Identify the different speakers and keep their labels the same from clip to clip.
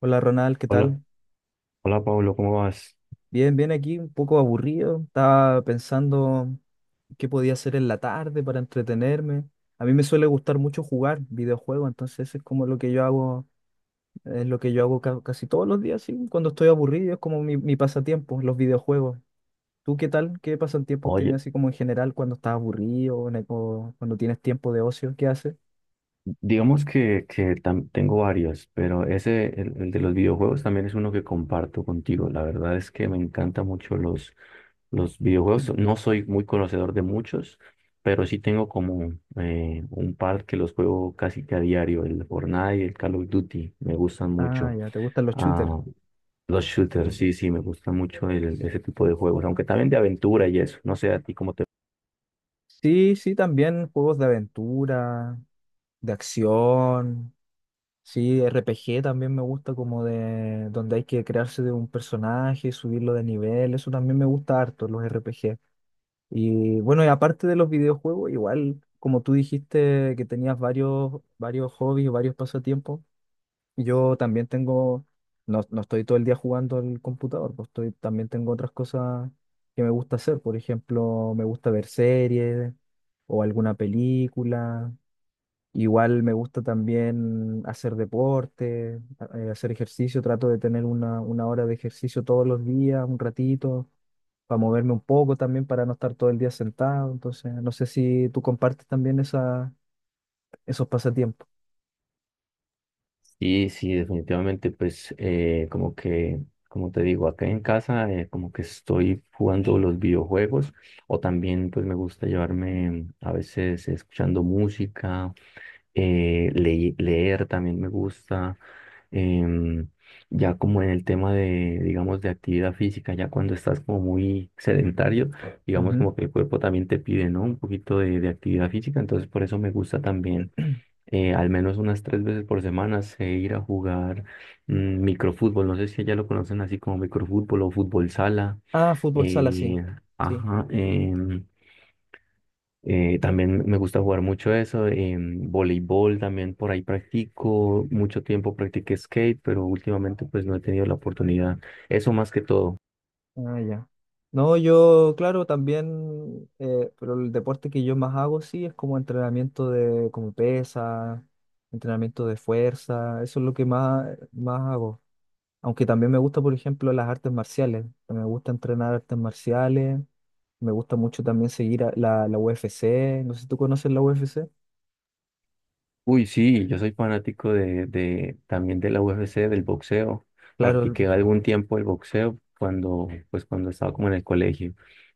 Speaker 1: Hola Ronald, ¿qué
Speaker 2: Hola,
Speaker 1: tal?
Speaker 2: hola Pablo, ¿cómo vas?
Speaker 1: Bien, bien aquí, un poco aburrido. Estaba pensando qué podía hacer en la tarde para entretenerme. A mí me suele gustar mucho jugar videojuegos, entonces es como lo que yo hago, es lo que yo hago casi todos los días, sí, cuando estoy aburrido, es como mi pasatiempo, los videojuegos. ¿Tú qué tal? ¿Qué pasatiempos tienes
Speaker 2: Oye,
Speaker 1: así como en general cuando estás aburrido o, o cuando tienes tiempo de ocio? ¿Qué haces?
Speaker 2: digamos que tengo varios, pero ese, el de los videojuegos también es uno que comparto contigo. La verdad es que me encantan mucho los videojuegos. No soy muy conocedor de muchos, pero sí tengo como un par que los juego casi que a diario, el Fortnite y el Call of Duty. Me gustan
Speaker 1: Ah,
Speaker 2: mucho.
Speaker 1: ya, ¿te gustan los shooters?
Speaker 2: Ah, los shooters, sí, sí, me gustan mucho ese tipo de juegos, aunque también de aventura y eso. No sé a ti cómo te
Speaker 1: Sí, sí, también juegos de aventura, de acción. Sí, R P G también me gusta como de donde hay que crearse de un personaje, subirlo de nivel, eso también me gusta harto, los R P G. Y bueno, y aparte de los videojuegos, igual como tú dijiste que tenías varios hobbies, varios pasatiempos, yo también tengo, no, no estoy todo el día jugando al computador, pues estoy, también tengo otras cosas que me gusta hacer, por ejemplo, me gusta ver series o alguna película. Igual me gusta también hacer deporte, hacer ejercicio, trato de tener una hora de ejercicio todos los días, un ratito, para moverme un poco también, para no estar todo el día sentado. Entonces, no sé si tú compartes también esa, esos pasatiempos.
Speaker 2: Y sí, definitivamente, pues como te digo, acá en casa como que estoy jugando los videojuegos o también pues me gusta llevarme a veces escuchando música, leer también me gusta, em, ya como en el tema de, digamos, de actividad física, ya cuando estás como muy sedentario, digamos
Speaker 1: Ujú.
Speaker 2: como que el cuerpo también te pide, ¿no? Un poquito de actividad física, entonces por eso me gusta también al menos unas tres veces por semana sé ir a jugar mm, microfútbol. No sé si allá lo conocen así como microfútbol o fútbol sala.
Speaker 1: Ah, fútbol sala, sí.
Speaker 2: Eh,
Speaker 1: Sí.
Speaker 2: ajá, también me gusta jugar mucho eso. Voleibol también por ahí practico. Mucho tiempo practiqué skate, pero últimamente pues no he tenido la oportunidad. Eso más que todo.
Speaker 1: Ah, ya. No, yo, claro, también, pero el deporte que yo más hago, sí, es como entrenamiento de, como pesa, entrenamiento de fuerza, eso es lo que más, más hago. Aunque también me gusta, por ejemplo, las artes marciales. Me gusta entrenar artes marciales. Me gusta mucho también seguir a la UFC. No sé si tú conoces la UFC.
Speaker 2: Uy, sí, yo soy fanático de también de la UFC, del boxeo.
Speaker 1: Claro, el-
Speaker 2: Practiqué algún tiempo el boxeo cuando, pues, cuando estaba como en el colegio.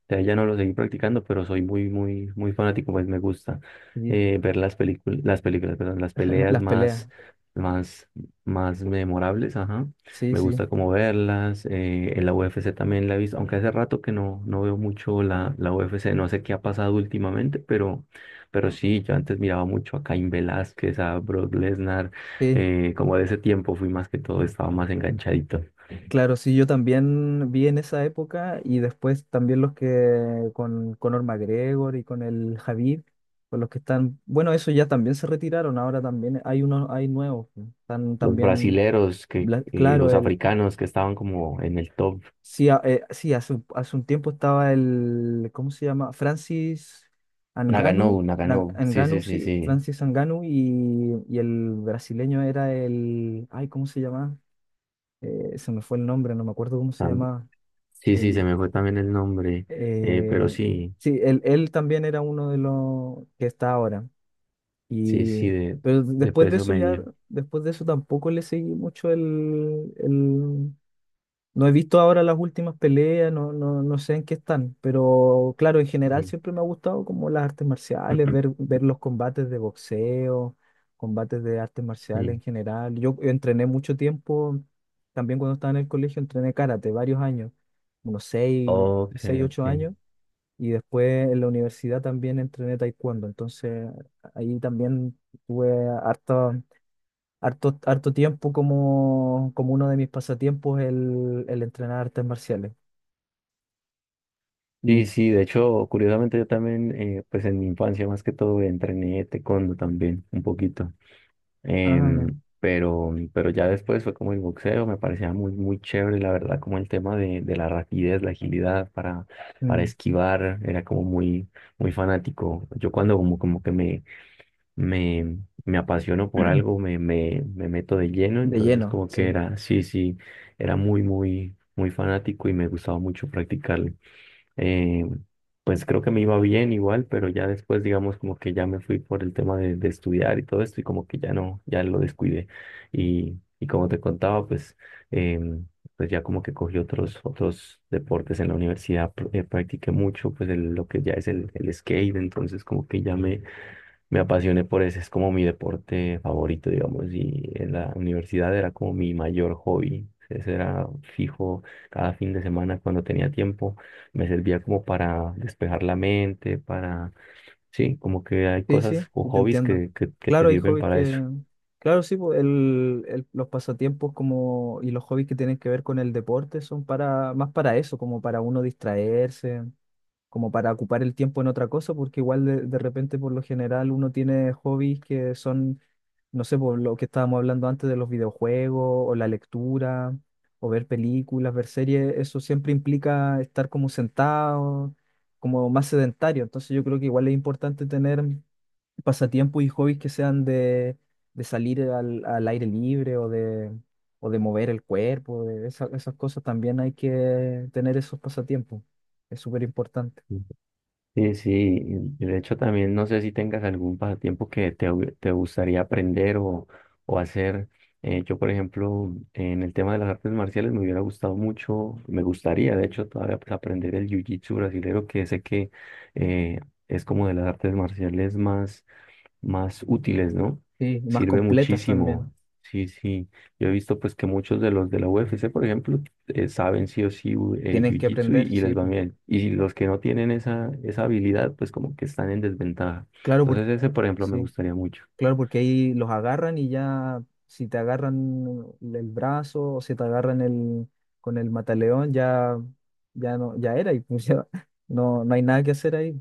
Speaker 2: De ahí ya no lo seguí practicando, pero soy muy, muy, muy fanático, pues me gusta
Speaker 1: sí,
Speaker 2: ver las películas, perdón, las peleas
Speaker 1: las peleas.
Speaker 2: más, más, más memorables, ajá.
Speaker 1: Sí,
Speaker 2: Me
Speaker 1: sí,
Speaker 2: gusta como verlas. En la UFC también la he visto, aunque hace rato que no, no veo mucho la UFC, no sé qué ha pasado últimamente, pero sí, yo antes miraba mucho a Cain Velázquez, a Brock Lesnar,
Speaker 1: sí.
Speaker 2: como de ese tiempo fui más que todo, estaba más enganchadito.
Speaker 1: Claro, sí, yo también vi en esa época y después también los que con Conor McGregor y con el Khabib, con los que están, bueno, esos ya también se retiraron, ahora también hay unos, hay nuevos, están
Speaker 2: Los
Speaker 1: también,
Speaker 2: brasileros, que, y
Speaker 1: claro,
Speaker 2: los
Speaker 1: el,
Speaker 2: africanos que estaban como en el top.
Speaker 1: Sí, sí, hace, hace un tiempo estaba el, ¿cómo se llama? Francis Anganu,
Speaker 2: Nagano, Nagano, sí, sí,
Speaker 1: Anganu,
Speaker 2: sí,
Speaker 1: sí,
Speaker 2: sí.
Speaker 1: Francis Anganu y el brasileño era el, ay, ¿cómo se llama? Se me fue el nombre, no me acuerdo cómo se
Speaker 2: Tam-
Speaker 1: llamaba.
Speaker 2: Sí, sí, se
Speaker 1: El,
Speaker 2: me fue también el nombre, pero
Speaker 1: eh,
Speaker 2: sí,
Speaker 1: sí, él también era uno de los que está ahora.
Speaker 2: sí, sí,
Speaker 1: Y, pero
Speaker 2: de
Speaker 1: después de
Speaker 2: peso
Speaker 1: eso ya,
Speaker 2: medio.
Speaker 1: después de eso tampoco le seguí mucho el, No he visto ahora las últimas peleas, no, no, no sé en qué están, pero claro, en general
Speaker 2: Sí.
Speaker 1: siempre me ha gustado como las artes marciales, ver, ver los combates de boxeo, combates de artes marciales
Speaker 2: Sí.
Speaker 1: en general. Yo entrené mucho tiempo, también cuando estaba en el colegio entrené karate varios años, unos seis,
Speaker 2: Ok,
Speaker 1: seis,
Speaker 2: ok.
Speaker 1: ocho años, y después en la universidad también entrené taekwondo, entonces ahí también tuve hartas harto tiempo como, como uno de mis pasatiempos el entrenar artes marciales.
Speaker 2: Sí,
Speaker 1: Y,
Speaker 2: sí, de hecho, curiosamente yo también, pues en mi infancia más que todo entrené taekwondo también, un poquito.
Speaker 1: ah, ya,
Speaker 2: Pero ya después fue como el boxeo, me parecía muy, muy chévere, la verdad, como el tema de la rapidez, la agilidad para
Speaker 1: mm,
Speaker 2: esquivar, era como muy, muy fanático. Yo cuando como, como que me, me apasiono por algo, me meto de lleno,
Speaker 1: de
Speaker 2: entonces
Speaker 1: lleno,
Speaker 2: como que
Speaker 1: sí.
Speaker 2: era, sí, sí, era muy, muy, muy fanático y me gustaba mucho practicarlo eh, pues creo que me iba bien igual, pero ya después, digamos, como que ya me fui por el tema de estudiar y todo esto, y como que ya no, ya lo descuidé. Y como te contaba, em, pues ya como que cogí otros, otros deportes en la universidad, practiqué mucho, pues el- lo que ya es el skate, entonces como que ya me apasioné por ese, es como mi deporte favorito, digamos, y en la universidad era como mi mayor hobby. Ese era fijo cada fin de semana cuando tenía tiempo, me servía como para despejar la mente, para, sí, como que hay
Speaker 1: Sí, sí,
Speaker 2: cosas o
Speaker 1: sí, te
Speaker 2: hobbies
Speaker 1: entiendo.
Speaker 2: que te
Speaker 1: Claro, hay
Speaker 2: sirven
Speaker 1: hobbies
Speaker 2: para
Speaker 1: que,
Speaker 2: eso.
Speaker 1: claro, sí, pues, el, los pasatiempos como, y los hobbies que tienen que ver con el deporte son para, más para eso, como para uno distraerse, como para ocupar el tiempo en otra cosa, porque igual de repente por lo general uno tiene hobbies que son no sé, por lo que estábamos hablando antes de los videojuegos o la lectura o ver películas, ver series, eso siempre implica estar como sentado, como más sedentario. Entonces yo creo que igual es importante tener pasatiempos y hobbies que sean de salir al, al aire libre o de mover el cuerpo, de esas cosas también hay que tener esos pasatiempos. Es súper importante.
Speaker 2: Sí, sí, y de hecho también no sé si tengas algún pasatiempo que te gustaría aprender o hacer. Yo, por ejemplo, en el tema de las artes marciales me hubiera gustado mucho, me gustaría, de hecho, todavía pues, aprender el jiu-jitsu brasilero, que sé que eh, es como de las artes marciales más más útiles, ¿no?
Speaker 1: Sí, y más
Speaker 2: Sirve
Speaker 1: completas también.
Speaker 2: muchísimo. Sí, sí. Yo he visto pues que muchos de los de la UFC, por ejemplo, saben sí o sí u-
Speaker 1: Tienen que
Speaker 2: Jiu-Jitsu
Speaker 1: aprender,
Speaker 2: y
Speaker 1: sí,
Speaker 2: les va
Speaker 1: pues.
Speaker 2: bien. Y si los que no tienen esa, esa habilidad, pues como que están en desventaja.
Speaker 1: Claro, porque
Speaker 2: Entonces ese, por ejemplo, me
Speaker 1: sí.
Speaker 2: gustaría mucho.
Speaker 1: Claro, porque ahí los agarran y ya, si te agarran el brazo o si te agarran el, con el mataleón, ya, ya no, ya era y pues ya no, no hay nada que hacer ahí.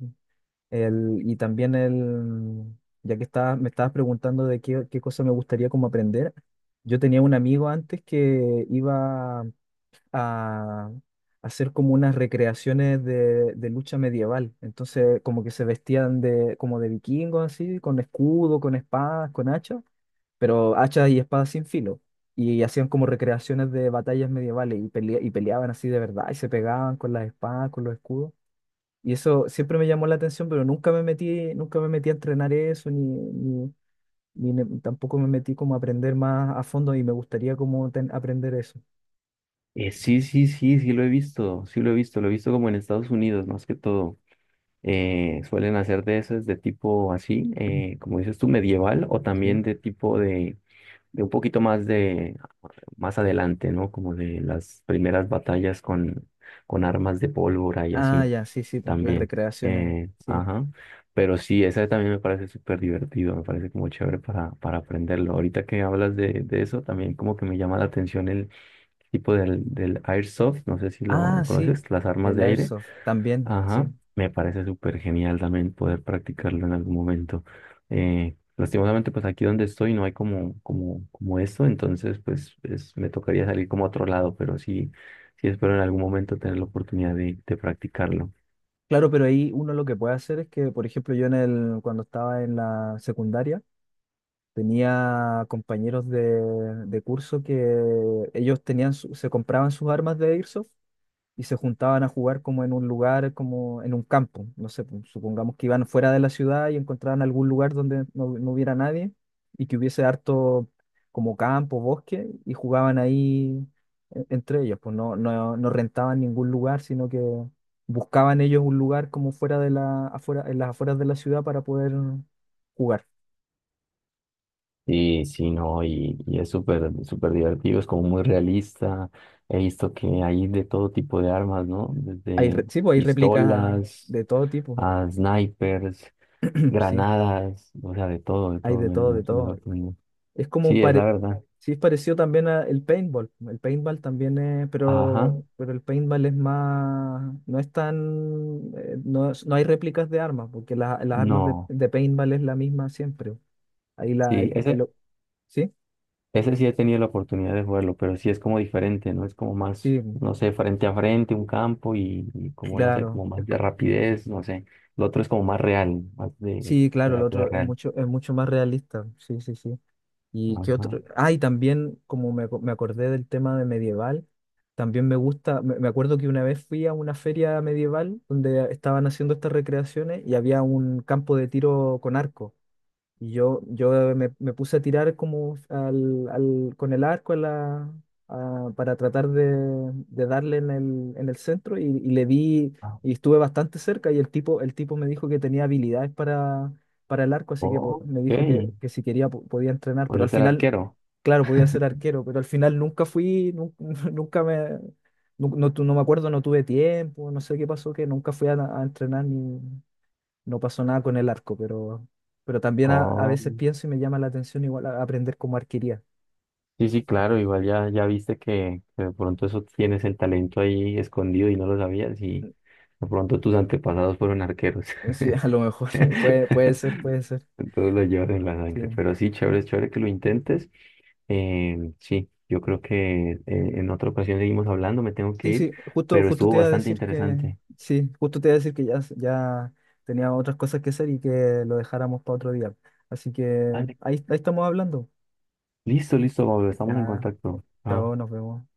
Speaker 1: El, y también el, ya que estaba, me estabas preguntando de qué, qué cosa me gustaría como aprender, yo tenía un amigo antes que iba a hacer como unas recreaciones de lucha medieval. Entonces, como que se vestían de, como de vikingos, así, con escudo, con espadas, con hachas, pero hachas y espadas sin filo. Y hacían como recreaciones de batallas medievales y, y peleaban así de verdad y se pegaban con las espadas, con los escudos. Y eso siempre me llamó la atención, pero nunca me metí, nunca me metí a entrenar eso, ni, ni, tampoco me metí como a aprender más a fondo y me gustaría como aprender eso.
Speaker 2: Sí, sí, sí, sí lo he visto, sí lo he visto como en Estados Unidos, más que todo. Suelen hacer de esas de tipo así, como dices tú, medieval o
Speaker 1: ¿Sí?
Speaker 2: también de tipo de un poquito más de más adelante, ¿no? Como de las primeras batallas con armas de pólvora y
Speaker 1: Ah,
Speaker 2: así
Speaker 1: ya, sí, sí, po, las
Speaker 2: también.
Speaker 1: recreaciones, sí.
Speaker 2: Ajá. Pero sí, esa también me parece súper divertido, me parece como chévere para aprenderlo. Ahorita que hablas de eso, también como que me llama la atención el tipo del airsoft, no sé si lo
Speaker 1: Ah, sí,
Speaker 2: conoces, las armas
Speaker 1: el
Speaker 2: de aire.
Speaker 1: airsoft también,
Speaker 2: Ajá,
Speaker 1: sí.
Speaker 2: me parece súper genial también poder practicarlo en algún momento. Lastimosamente, pues aquí donde estoy no hay como esto, entonces pues me tocaría salir como a otro lado, pero sí, sí espero en algún momento tener la oportunidad de practicarlo.
Speaker 1: Claro, pero ahí uno lo que puede hacer es que, por ejemplo, yo en el, cuando estaba en la secundaria, tenía compañeros de curso que ellos tenían se compraban sus armas de airsoft y se juntaban a jugar como en un lugar, como en un campo. No sé, pues, supongamos que iban fuera de la ciudad y encontraban algún lugar donde no, no hubiera nadie y que hubiese harto como campo, bosque, y jugaban ahí entre ellos. Pues no, no, no rentaban ningún lugar, sino que buscaban ellos un lugar como fuera de la, afuera, en las afueras de la ciudad para poder jugar.
Speaker 2: Y sí, no, y es súper, súper divertido, es como muy realista. He visto que hay de todo tipo de armas, ¿no?
Speaker 1: Hay,
Speaker 2: Desde
Speaker 1: sí, pues hay réplicas
Speaker 2: pistolas
Speaker 1: de todo tipo.
Speaker 2: a snipers,
Speaker 1: Sí,
Speaker 2: granadas, o sea, de
Speaker 1: hay
Speaker 2: todo,
Speaker 1: de todo, de
Speaker 2: me
Speaker 1: todo.
Speaker 2: sorprendió.
Speaker 1: Es como
Speaker 2: Sí, es la
Speaker 1: pare...
Speaker 2: verdad.
Speaker 1: Sí, es parecido también al paintball. El paintball también es,
Speaker 2: Ajá,
Speaker 1: pero el paintball es más, no es tan, no, no hay réplicas de armas, porque las armas
Speaker 2: no.
Speaker 1: de paintball es la misma siempre. Ahí la,
Speaker 2: Sí,
Speaker 1: el,
Speaker 2: ese,
Speaker 1: ¿sí?
Speaker 2: ese sí he tenido la oportunidad de jugarlo, pero sí es como diferente, ¿no? Es como más,
Speaker 1: Sí,
Speaker 2: no sé, frente a frente, un campo y como, no sé,
Speaker 1: claro.
Speaker 2: como más de rapidez, no sé. El otro es como más real, más de
Speaker 1: Sí, claro, el
Speaker 2: terapia
Speaker 1: otro
Speaker 2: real.
Speaker 1: es mucho más realista. Sí, sí, sí. ¿Y qué otro?
Speaker 2: Ajá.
Speaker 1: Ah, y también, como me, me acordé del tema de medieval, también me gusta, me acuerdo que una vez fui a una feria medieval donde estaban haciendo estas recreaciones y había un campo de tiro con arco. Y yo me, me puse a tirar como al, con el arco a la, para tratar de darle en el centro y le di
Speaker 2: Ah,
Speaker 1: y estuve bastante cerca y el tipo me dijo que tenía habilidades para el arco, así que
Speaker 2: ok,
Speaker 1: me dijo que si quería podía entrenar, pero
Speaker 2: voy
Speaker 1: al
Speaker 2: ser
Speaker 1: final,
Speaker 2: arquero.
Speaker 1: claro, podía ser arquero, pero al final nunca fui, nunca, me, no, no me acuerdo, no tuve tiempo, no sé qué pasó, que nunca fui a entrenar ni no pasó nada con el arco, pero también a
Speaker 2: Oh,
Speaker 1: veces pienso y me llama la atención igual aprender como arquería.
Speaker 2: sí, sí, claro, igual ya, ya viste que de pronto eso tienes el talento ahí escondido y no lo sabías y de pronto tus antepasados fueron arqueros.
Speaker 1: Sí, a lo mejor puede, puede ser, puede ser.
Speaker 2: Todo lo llevas en la
Speaker 1: Sí,
Speaker 2: sangre, pero sí, chévere, chévere que lo intentes. Em, sí, yo creo que en otra ocasión seguimos hablando, me tengo que
Speaker 1: sí,
Speaker 2: ir,
Speaker 1: sí, justo,
Speaker 2: pero
Speaker 1: justo
Speaker 2: estuvo
Speaker 1: te iba a
Speaker 2: bastante
Speaker 1: decir que,
Speaker 2: interesante.
Speaker 1: sí, justo te iba a decir que ya, ya tenía otras cosas que hacer y que lo dejáramos para otro día. Así que
Speaker 2: Vale.
Speaker 1: ahí, ahí estamos hablando.
Speaker 2: Listo, listo, Pablo, estamos en
Speaker 1: Ya,
Speaker 2: contacto.
Speaker 1: chao,
Speaker 2: Chao.
Speaker 1: nos vemos.